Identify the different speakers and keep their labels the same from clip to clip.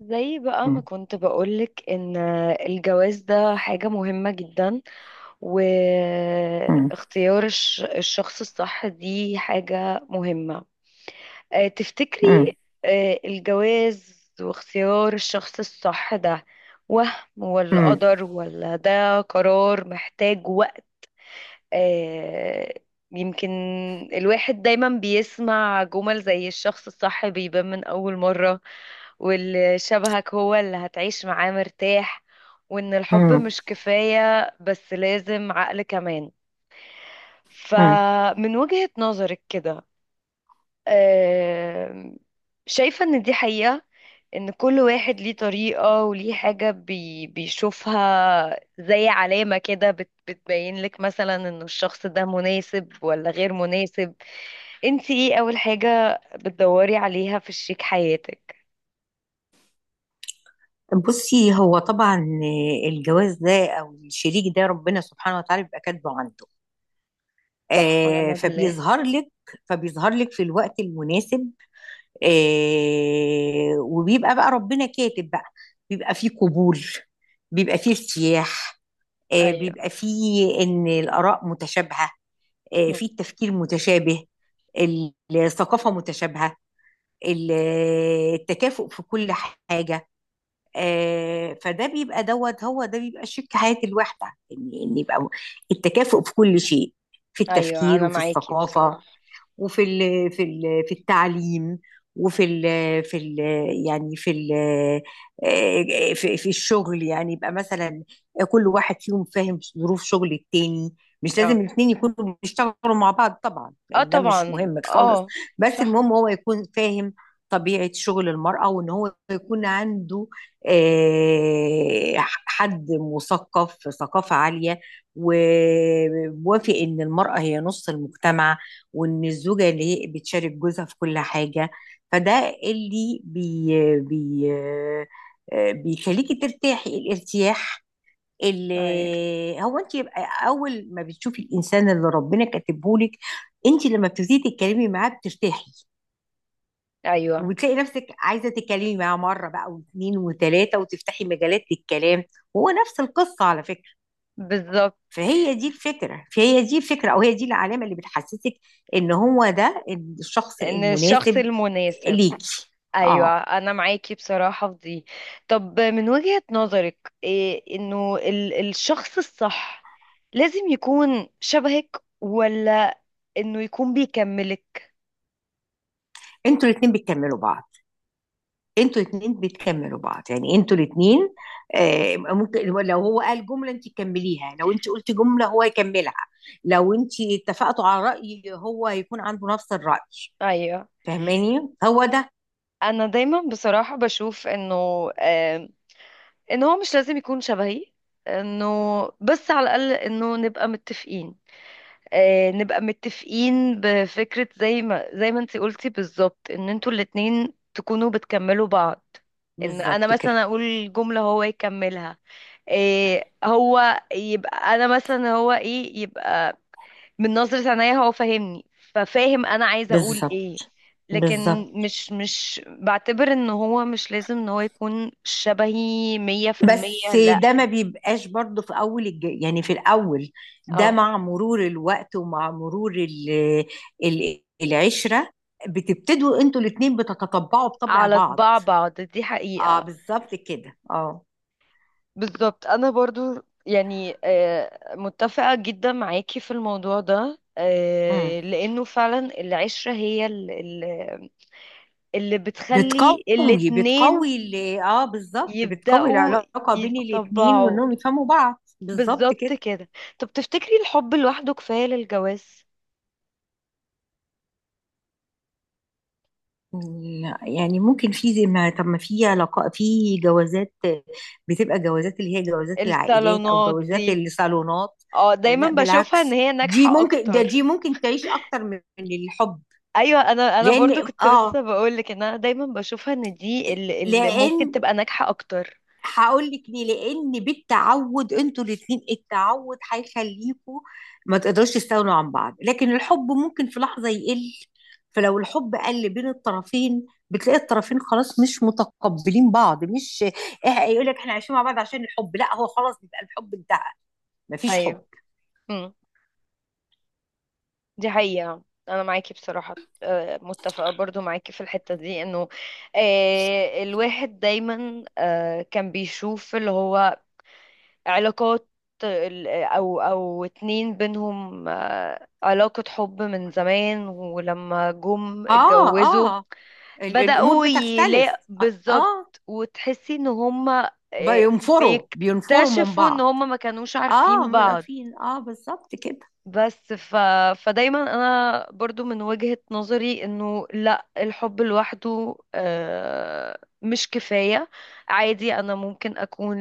Speaker 1: زي بقى ما
Speaker 2: مم.
Speaker 1: كنت بقولك ان الجواز ده حاجة مهمة جدا،
Speaker 2: مم.
Speaker 1: واختيار الشخص الصح دي حاجة مهمة. تفتكري
Speaker 2: مم.
Speaker 1: الجواز واختيار الشخص الصح ده وهم ولا
Speaker 2: مم.
Speaker 1: قدر، ولا ده قرار محتاج وقت؟ آه، يمكن. الواحد دايما بيسمع جمل زي الشخص الصح بيبان من أول مرة، واللي شبهك هو اللي هتعيش معاه مرتاح، وإن الحب
Speaker 2: مم.
Speaker 1: مش كفاية بس لازم عقل كمان.
Speaker 2: مم.
Speaker 1: فمن وجهة نظرك كده، آم، شايفة ان دي حقيقة؟ ان كل واحد ليه طريقة وليه حاجة بيشوفها زي علامة كده بتبين لك مثلا ان الشخص ده مناسب ولا غير مناسب. انتي ايه اول حاجة بتدوري عليها في شريك حياتك؟
Speaker 2: بصي، هو طبعا الجواز ده او الشريك ده، ربنا سبحانه وتعالى بيبقى كاتبه عنده.
Speaker 1: صح
Speaker 2: آه،
Speaker 1: ونعم بالله.
Speaker 2: فبيظهر لك في الوقت المناسب. آه، وبيبقى بقى ربنا كاتب بقى، بيبقى فيه قبول، بيبقى فيه ارتياح. آه،
Speaker 1: ايوه.
Speaker 2: بيبقى فيه ان الاراء متشابهه، آه،
Speaker 1: مم.
Speaker 2: فيه التفكير متشابه، الثقافه متشابهه، ال- التكافؤ في كل حاجه. آه، فده بيبقى دوت، هو ده بيبقى شيك حياة الواحدة، ان يبقى التكافؤ في كل شيء، في
Speaker 1: ايوه
Speaker 2: التفكير
Speaker 1: انا
Speaker 2: وفي
Speaker 1: معاكي
Speaker 2: الثقافة،
Speaker 1: بصراحة.
Speaker 2: وفي ال في ال في التعليم، وفي ال في ال يعني في ال في الشغل، يعني يبقى مثلا كل واحد فيهم فاهم ظروف شغل التاني. مش
Speaker 1: اه.
Speaker 2: لازم الاثنين يكونوا بيشتغلوا مع بعض طبعا،
Speaker 1: اه
Speaker 2: لان ده مش
Speaker 1: طبعا
Speaker 2: مهم خالص.
Speaker 1: اه.
Speaker 2: بس
Speaker 1: صح.
Speaker 2: المهم هو يكون فاهم طبيعة شغل المرأة، وإن هو يكون عنده آه، حد مثقف ثقافة عالية، وموافق إن المرأة هي نص المجتمع، وان الزوجه اللي هي بتشارك جوزها في كل حاجه. فده اللي بي بي آه، بيخليكي ترتاحي الارتياح،
Speaker 1: ايوه.
Speaker 2: اللي هو انت يبقى اول ما بتشوفي الانسان اللي ربنا كاتبه لك، انت لما بتبتدي تتكلمي معاه بترتاحي،
Speaker 1: ايوه.
Speaker 2: وبتلاقي نفسك عايزه تتكلمي معاه مره بقى، واثنين، وثلاثه، وتفتحي مجالات للكلام. هو نفس القصه على فكره.
Speaker 1: بالظبط،
Speaker 2: فهي دي الفكرة، فهي دي الفكرة، أو هي دي العلامة اللي بتحسسك إن هو ده الشخص
Speaker 1: ان الشخص
Speaker 2: المناسب
Speaker 1: المناسب.
Speaker 2: ليكي.
Speaker 1: ايوه
Speaker 2: اه.
Speaker 1: انا معاكي بصراحه في دي. طب من وجهه نظرك إيه انه الشخص الصح لازم يكون شبهك، ولا انه يكون بيكملك؟
Speaker 2: انتوا الاتنين بتكملوا بعض، انتوا الاتنين بتكملوا بعض، يعني انتوا الاتنين ممكن لو هو قال جملة انت تكمليها، لو انت قلت جملة هو يكملها، لو انت اتفقتوا على رأي هو يكون عنده نفس الرأي.
Speaker 1: ايوه،
Speaker 2: فاهماني، هو ده.
Speaker 1: انا دايما بصراحه بشوف انه آم، ان هو مش لازم يكون شبهي، انه، بس على الاقل انه نبقى متفقين. نبقى متفقين بفكرة زي ما انتي قلتي بالظبط، ان انتوا الاتنين تكونوا بتكملوا بعض. ان انا
Speaker 2: بالظبط كده،
Speaker 1: مثلا اقول جملة هو يكملها. إيه هو يبقى انا مثلا هو ايه يبقى، من نظرة عينيا هو فاهمني، ففاهم انا عايزة اقول
Speaker 2: بالظبط.
Speaker 1: ايه. لكن
Speaker 2: بالظبط.
Speaker 1: مش بعتبر ان هو مش لازم ان هو يكون شبهي مية في المية،
Speaker 2: بس ده ما
Speaker 1: لا.
Speaker 2: بيبقاش برضه في اول يعني في الاول، ده
Speaker 1: اه.
Speaker 2: مع مرور الوقت ومع مرور العشرة، بتبتدوا انتوا الاتنين بتتطبعوا بطبع
Speaker 1: على
Speaker 2: بعض.
Speaker 1: طباع بعض دي
Speaker 2: اه،
Speaker 1: حقيقة.
Speaker 2: بالظبط كده، اه.
Speaker 1: بالظبط، انا برضو يعني متفقة جدا معاكي في الموضوع ده.
Speaker 2: مم.
Speaker 1: لانه فعلا العشرة هي اللي بتخلي الاتنين
Speaker 2: اه، بالظبط، بتقوي
Speaker 1: يبدأوا
Speaker 2: العلاقة بين الاتنين
Speaker 1: يتطبعوا.
Speaker 2: وانهم يفهموا بعض. بالظبط
Speaker 1: بالظبط
Speaker 2: كده.
Speaker 1: كده. طب تفتكري الحب لوحده كفاية للجواز؟
Speaker 2: لا، يعني ممكن في زي ما طب ما في علاقة في جوازات، بتبقى جوازات اللي هي جوازات العائلات او
Speaker 1: الصالونات
Speaker 2: جوازات
Speaker 1: دي
Speaker 2: الصالونات.
Speaker 1: اه، دايما
Speaker 2: لا،
Speaker 1: بشوفها ان
Speaker 2: بالعكس،
Speaker 1: هي
Speaker 2: دي
Speaker 1: ناجحة
Speaker 2: ممكن، ده دي
Speaker 1: اكتر.
Speaker 2: ممكن تعيش اكتر من الحب.
Speaker 1: ايوه، انا برضو
Speaker 2: لان
Speaker 1: كنت لسه
Speaker 2: اه
Speaker 1: بقولك ان انا دايما بشوفها ان دي اللي ممكن
Speaker 2: لان
Speaker 1: تبقى ناجحة اكتر.
Speaker 2: هقول لك ليه. لان بالتعود انتوا الاثنين، التعود هيخليكوا ما تقدروش تستغنوا عن بعض. لكن الحب ممكن في لحظه يقل، فلو الحب قل بين الطرفين بتلاقي الطرفين خلاص مش متقبلين بعض، مش إيه، يقول لك احنا عايشين مع بعض عشان الحب. لا، هو خلاص بيبقى الحب انتهى، مفيش
Speaker 1: ايوه
Speaker 2: حب.
Speaker 1: دي حقيقة. أنا معاكي بصراحة. متفقة برضو معاكي في الحتة دي، إنه الواحد دايما كان بيشوف اللي هو علاقات، أو اتنين بينهم علاقة حب من زمان، ولما جم
Speaker 2: اه،
Speaker 1: اتجوزوا
Speaker 2: اه، الامور
Speaker 1: بدأوا
Speaker 2: بتختلف.
Speaker 1: يلاقوا
Speaker 2: اه،
Speaker 1: بالظبط،
Speaker 2: آه.
Speaker 1: وتحسي إن هما
Speaker 2: بينفروا، بينفروا من
Speaker 1: بيكتشفوا إن
Speaker 2: بعض.
Speaker 1: هما ما كانوش
Speaker 2: اه،
Speaker 1: عارفين
Speaker 2: مبقى
Speaker 1: بعض.
Speaker 2: فين، اه، بالظبط كده.
Speaker 1: بس ف... فدايما انا برضو من وجهة نظري انه لا، الحب لوحده مش كفاية. عادي انا ممكن اكون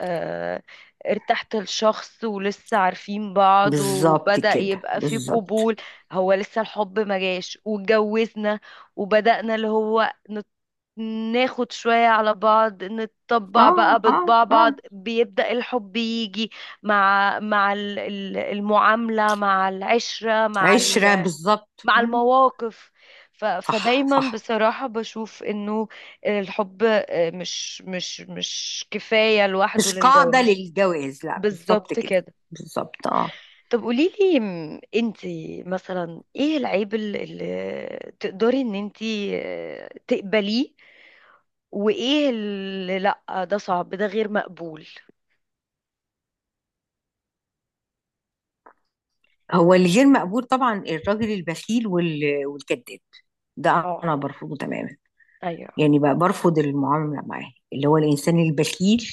Speaker 1: آه، ارتحت لشخص ولسه عارفين بعض
Speaker 2: بالظبط
Speaker 1: وبدأ
Speaker 2: كده،
Speaker 1: يبقى في
Speaker 2: بالظبط،
Speaker 1: قبول، هو لسه الحب ما جاش واتجوزنا، وبدأنا اللي هو ناخد شوية على بعض،
Speaker 2: اه،
Speaker 1: نتطبع بقى
Speaker 2: اه،
Speaker 1: بطباع
Speaker 2: اه.
Speaker 1: بعض، بيبدأ الحب يجي مع المعاملة، مع العشرة،
Speaker 2: عشرة، بالظبط.
Speaker 1: مع
Speaker 2: مم.
Speaker 1: المواقف.
Speaker 2: صح،
Speaker 1: فدايما
Speaker 2: صح.
Speaker 1: بصراحة بشوف انه الحب مش كفاية لوحده
Speaker 2: مش قاعدة
Speaker 1: للجواز.
Speaker 2: للجواز، لا. بالظبط
Speaker 1: بالظبط
Speaker 2: كده،
Speaker 1: كده.
Speaker 2: بالظبط. اه.
Speaker 1: طب قوليلي، انتي مثلا ايه العيب اللي تقدري ان انتي تقبليه، وايه اللي لا، ده صعب ده غير مقبول؟
Speaker 2: هو اللي غير مقبول طبعا الراجل البخيل والكذاب، ده
Speaker 1: اه.
Speaker 2: انا برفضه تماما.
Speaker 1: ايوه.
Speaker 2: يعني بقى برفض المعاملة معاه، اللي هو الانسان البخيل.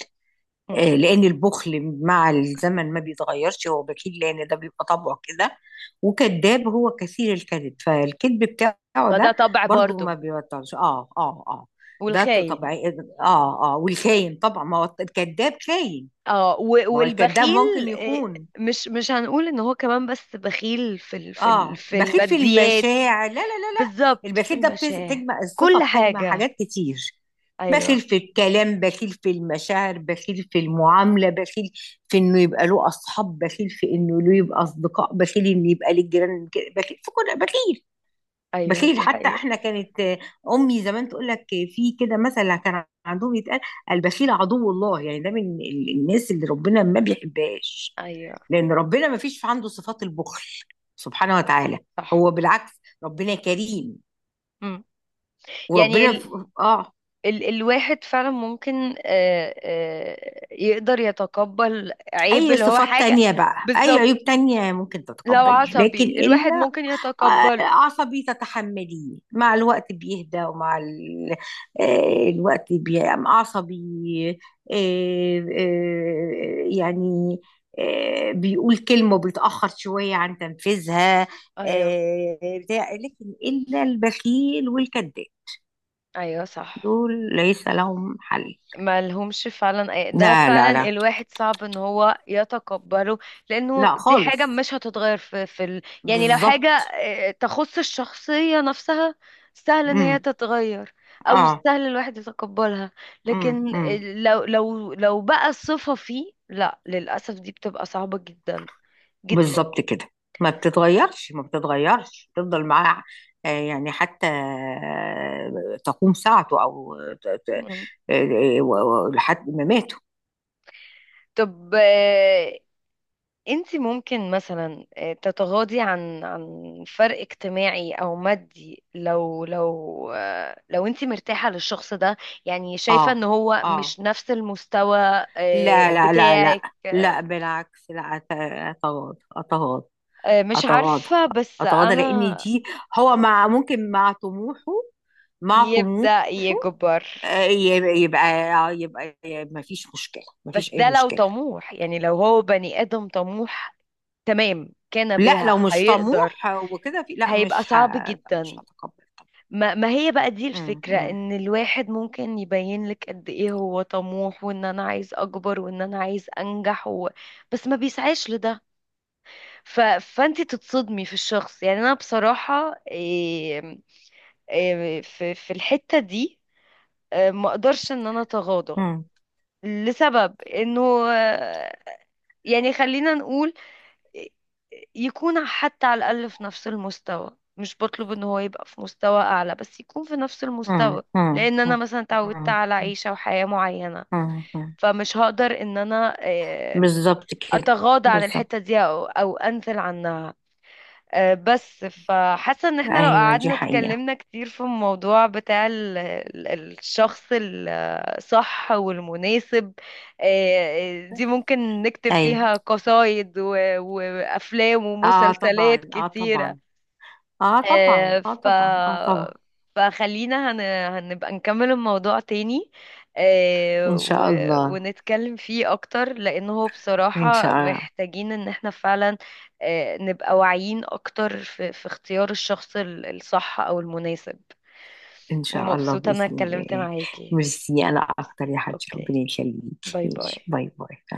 Speaker 1: مم.
Speaker 2: آه، لان البخل مع الزمن ما بيتغيرش، هو بخيل لان ده بيبقى طبعه كده. وكذاب، هو كثير الكذب، فالكذب بتاعه
Speaker 1: فده
Speaker 2: ده
Speaker 1: طبع
Speaker 2: برضو ما
Speaker 1: برضو.
Speaker 2: بيبطلش. اه، اه، اه. ده
Speaker 1: والخاين.
Speaker 2: طبيعي. اه، اه. والخاين طبعا، ما هو الكذاب خاين.
Speaker 1: اه،
Speaker 2: ما هو الكذاب ممكن
Speaker 1: والبخيل
Speaker 2: يخون.
Speaker 1: مش هنقول ان هو كمان بس بخيل في ال في ال
Speaker 2: اه،
Speaker 1: في
Speaker 2: بخيل في
Speaker 1: الماديات.
Speaker 2: المشاعر. لا لا لا لا.
Speaker 1: بالظبط في
Speaker 2: البخيل ده
Speaker 1: المشاعر.
Speaker 2: بتجمع الصفة،
Speaker 1: كل
Speaker 2: بتجمع
Speaker 1: حاجة.
Speaker 2: حاجات كتير. بخيل
Speaker 1: ايوه.
Speaker 2: في الكلام، بخيل في المشاعر، بخيل في المعاملة، بخيل في انه يبقى له اصحاب، بخيل في انه له يبقى اصدقاء، بخيل انه يبقى للجيران كده، بخيل في كل، بخيل.
Speaker 1: ايوه
Speaker 2: بخيل
Speaker 1: دي
Speaker 2: حتى.
Speaker 1: حقيقة.
Speaker 2: احنا كانت امي زمان تقول لك في كده مثل كان عندهم يتقال: البخيل عدو الله. يعني ده من الناس اللي ربنا ما بيحبهاش،
Speaker 1: ايوه
Speaker 2: لان ربنا ما فيش في عنده صفات البخل سبحانه وتعالى،
Speaker 1: صح.
Speaker 2: هو بالعكس، ربنا كريم.
Speaker 1: مم. يعني
Speaker 2: وربنا
Speaker 1: ال
Speaker 2: ف... اه،
Speaker 1: ال الواحد فعلا ممكن يقدر يتقبل عيب
Speaker 2: اي
Speaker 1: اللي هو
Speaker 2: صفات
Speaker 1: حاجة.
Speaker 2: تانية بقى، اي
Speaker 1: بالظبط.
Speaker 2: عيوب تانية ممكن
Speaker 1: لو
Speaker 2: تتقبليها، لكن
Speaker 1: عصبي الواحد ممكن يتقبله.
Speaker 2: عصبي تتحمليه مع الوقت بيهدى، ومع الوقت بيبقى عصبي، يعني بيقول كلمة وبيتأخر شوية عن تنفيذها،
Speaker 1: ايوه.
Speaker 2: آه، بتاع. لكن إلا البخيل والكذاب،
Speaker 1: ايوه صح.
Speaker 2: دول ليس لهم حل.
Speaker 1: ما لهمش فعلا، ده
Speaker 2: لا
Speaker 1: فعلا
Speaker 2: لا لا
Speaker 1: الواحد صعب ان هو يتقبله، لانه
Speaker 2: لا،
Speaker 1: دي حاجة
Speaker 2: خالص.
Speaker 1: مش هتتغير في يعني لو حاجة
Speaker 2: بالظبط.
Speaker 1: تخص الشخصية نفسها، سهل ان هي
Speaker 2: امم.
Speaker 1: تتغير، او
Speaker 2: اه.
Speaker 1: سهل الواحد يتقبلها.
Speaker 2: امم.
Speaker 1: لكن
Speaker 2: امم.
Speaker 1: لو بقى صفة فيه، لا للأسف دي بتبقى صعبة جدا جدا.
Speaker 2: بالظبط كده. ما بتتغيرش، ما بتتغيرش، تفضل معاه. يعني حتى تقوم ساعته او ت- ت-
Speaker 1: مم.
Speaker 2: لحد ما ماته.
Speaker 1: طب انت ممكن مثلا تتغاضي عن عن فرق اجتماعي او مادي، لو انت مرتاحة للشخص ده؟ يعني شايفة
Speaker 2: اه،
Speaker 1: ان هو
Speaker 2: اه.
Speaker 1: مش نفس المستوى
Speaker 2: لا لا لا لا
Speaker 1: بتاعك.
Speaker 2: لا، بالعكس، لا. اتغاضى، اتغاضى،
Speaker 1: مش
Speaker 2: اتغاضى،
Speaker 1: عارفة بس
Speaker 2: اتغاضى، لان
Speaker 1: انا.
Speaker 2: دي هو مع طموحه. مع طموحه
Speaker 1: يبدأ يكبر.
Speaker 2: يبقى، يبقى ما فيش مشكلة، ما
Speaker 1: بس
Speaker 2: فيش اي
Speaker 1: ده لو
Speaker 2: مشكلة.
Speaker 1: طموح، يعني لو هو بني آدم طموح تمام كان
Speaker 2: لا،
Speaker 1: بها،
Speaker 2: لو مش
Speaker 1: هيقدر.
Speaker 2: طموح وكده، في. لا،
Speaker 1: هيبقى
Speaker 2: مش
Speaker 1: صعب
Speaker 2: لا، مش
Speaker 1: جدا.
Speaker 2: هتقبل طبعا.
Speaker 1: ما ما هي بقى دي
Speaker 2: مم.
Speaker 1: الفكرة،
Speaker 2: مم.
Speaker 1: ان الواحد ممكن يبين لك قد ايه هو طموح وان انا عايز اكبر وان انا عايز انجح و... بس ما بيسعاش لده. فانت تتصدمي في الشخص. يعني انا بصراحة في... في الحتة دي ما اقدرش ان انا اتغاضى،
Speaker 2: مم.
Speaker 1: لسبب انه آه، يعني خلينا نقول، يكون حتى على الأقل في نفس المستوى، مش بطلب ان هو يبقى في مستوى أعلى، بس يكون في نفس
Speaker 2: مم.
Speaker 1: المستوى.
Speaker 2: مم.
Speaker 1: لأن أنا
Speaker 2: مم.
Speaker 1: مثلا اتعودت
Speaker 2: مم.
Speaker 1: على عيشة وحياة معينة،
Speaker 2: مم. مم.
Speaker 1: فمش هقدر ان انا
Speaker 2: بالظبط كده،
Speaker 1: اتغاضى عن
Speaker 2: بالظبط.
Speaker 1: الحتة دي او او انزل عنها. بس فحاسه ان احنا لو
Speaker 2: ايوه، دي
Speaker 1: قعدنا
Speaker 2: حقيقة.
Speaker 1: اتكلمنا كتير في الموضوع بتاع الشخص الصح والمناسب، دي ممكن نكتب
Speaker 2: ايوه.
Speaker 1: فيها قصايد وافلام
Speaker 2: اه، طبعا،
Speaker 1: ومسلسلات
Speaker 2: اه،
Speaker 1: كتيره.
Speaker 2: طبعا، اه، طبعا،
Speaker 1: آه،
Speaker 2: اه،
Speaker 1: ف
Speaker 2: طبعا، اه، طبعا.
Speaker 1: فخلينا هنبقى نكمل الموضوع تاني، آه،
Speaker 2: ان
Speaker 1: و...
Speaker 2: شاء الله.
Speaker 1: ونتكلم فيه اكتر، لانه هو
Speaker 2: ان شاء
Speaker 1: بصراحة
Speaker 2: الله.
Speaker 1: محتاجين ان احنا فعلا نبقى واعيين اكتر في... في اختيار الشخص الصح او المناسب.
Speaker 2: ان شاء الله،
Speaker 1: ومبسوطة انا
Speaker 2: باذن
Speaker 1: اتكلمت
Speaker 2: الله.
Speaker 1: معاكي.
Speaker 2: ميرسي، انا اكتر يا حبيبتي، ربنا
Speaker 1: اوكي.
Speaker 2: يخليكي.
Speaker 1: باي
Speaker 2: ماشي،
Speaker 1: باي.
Speaker 2: باي باي.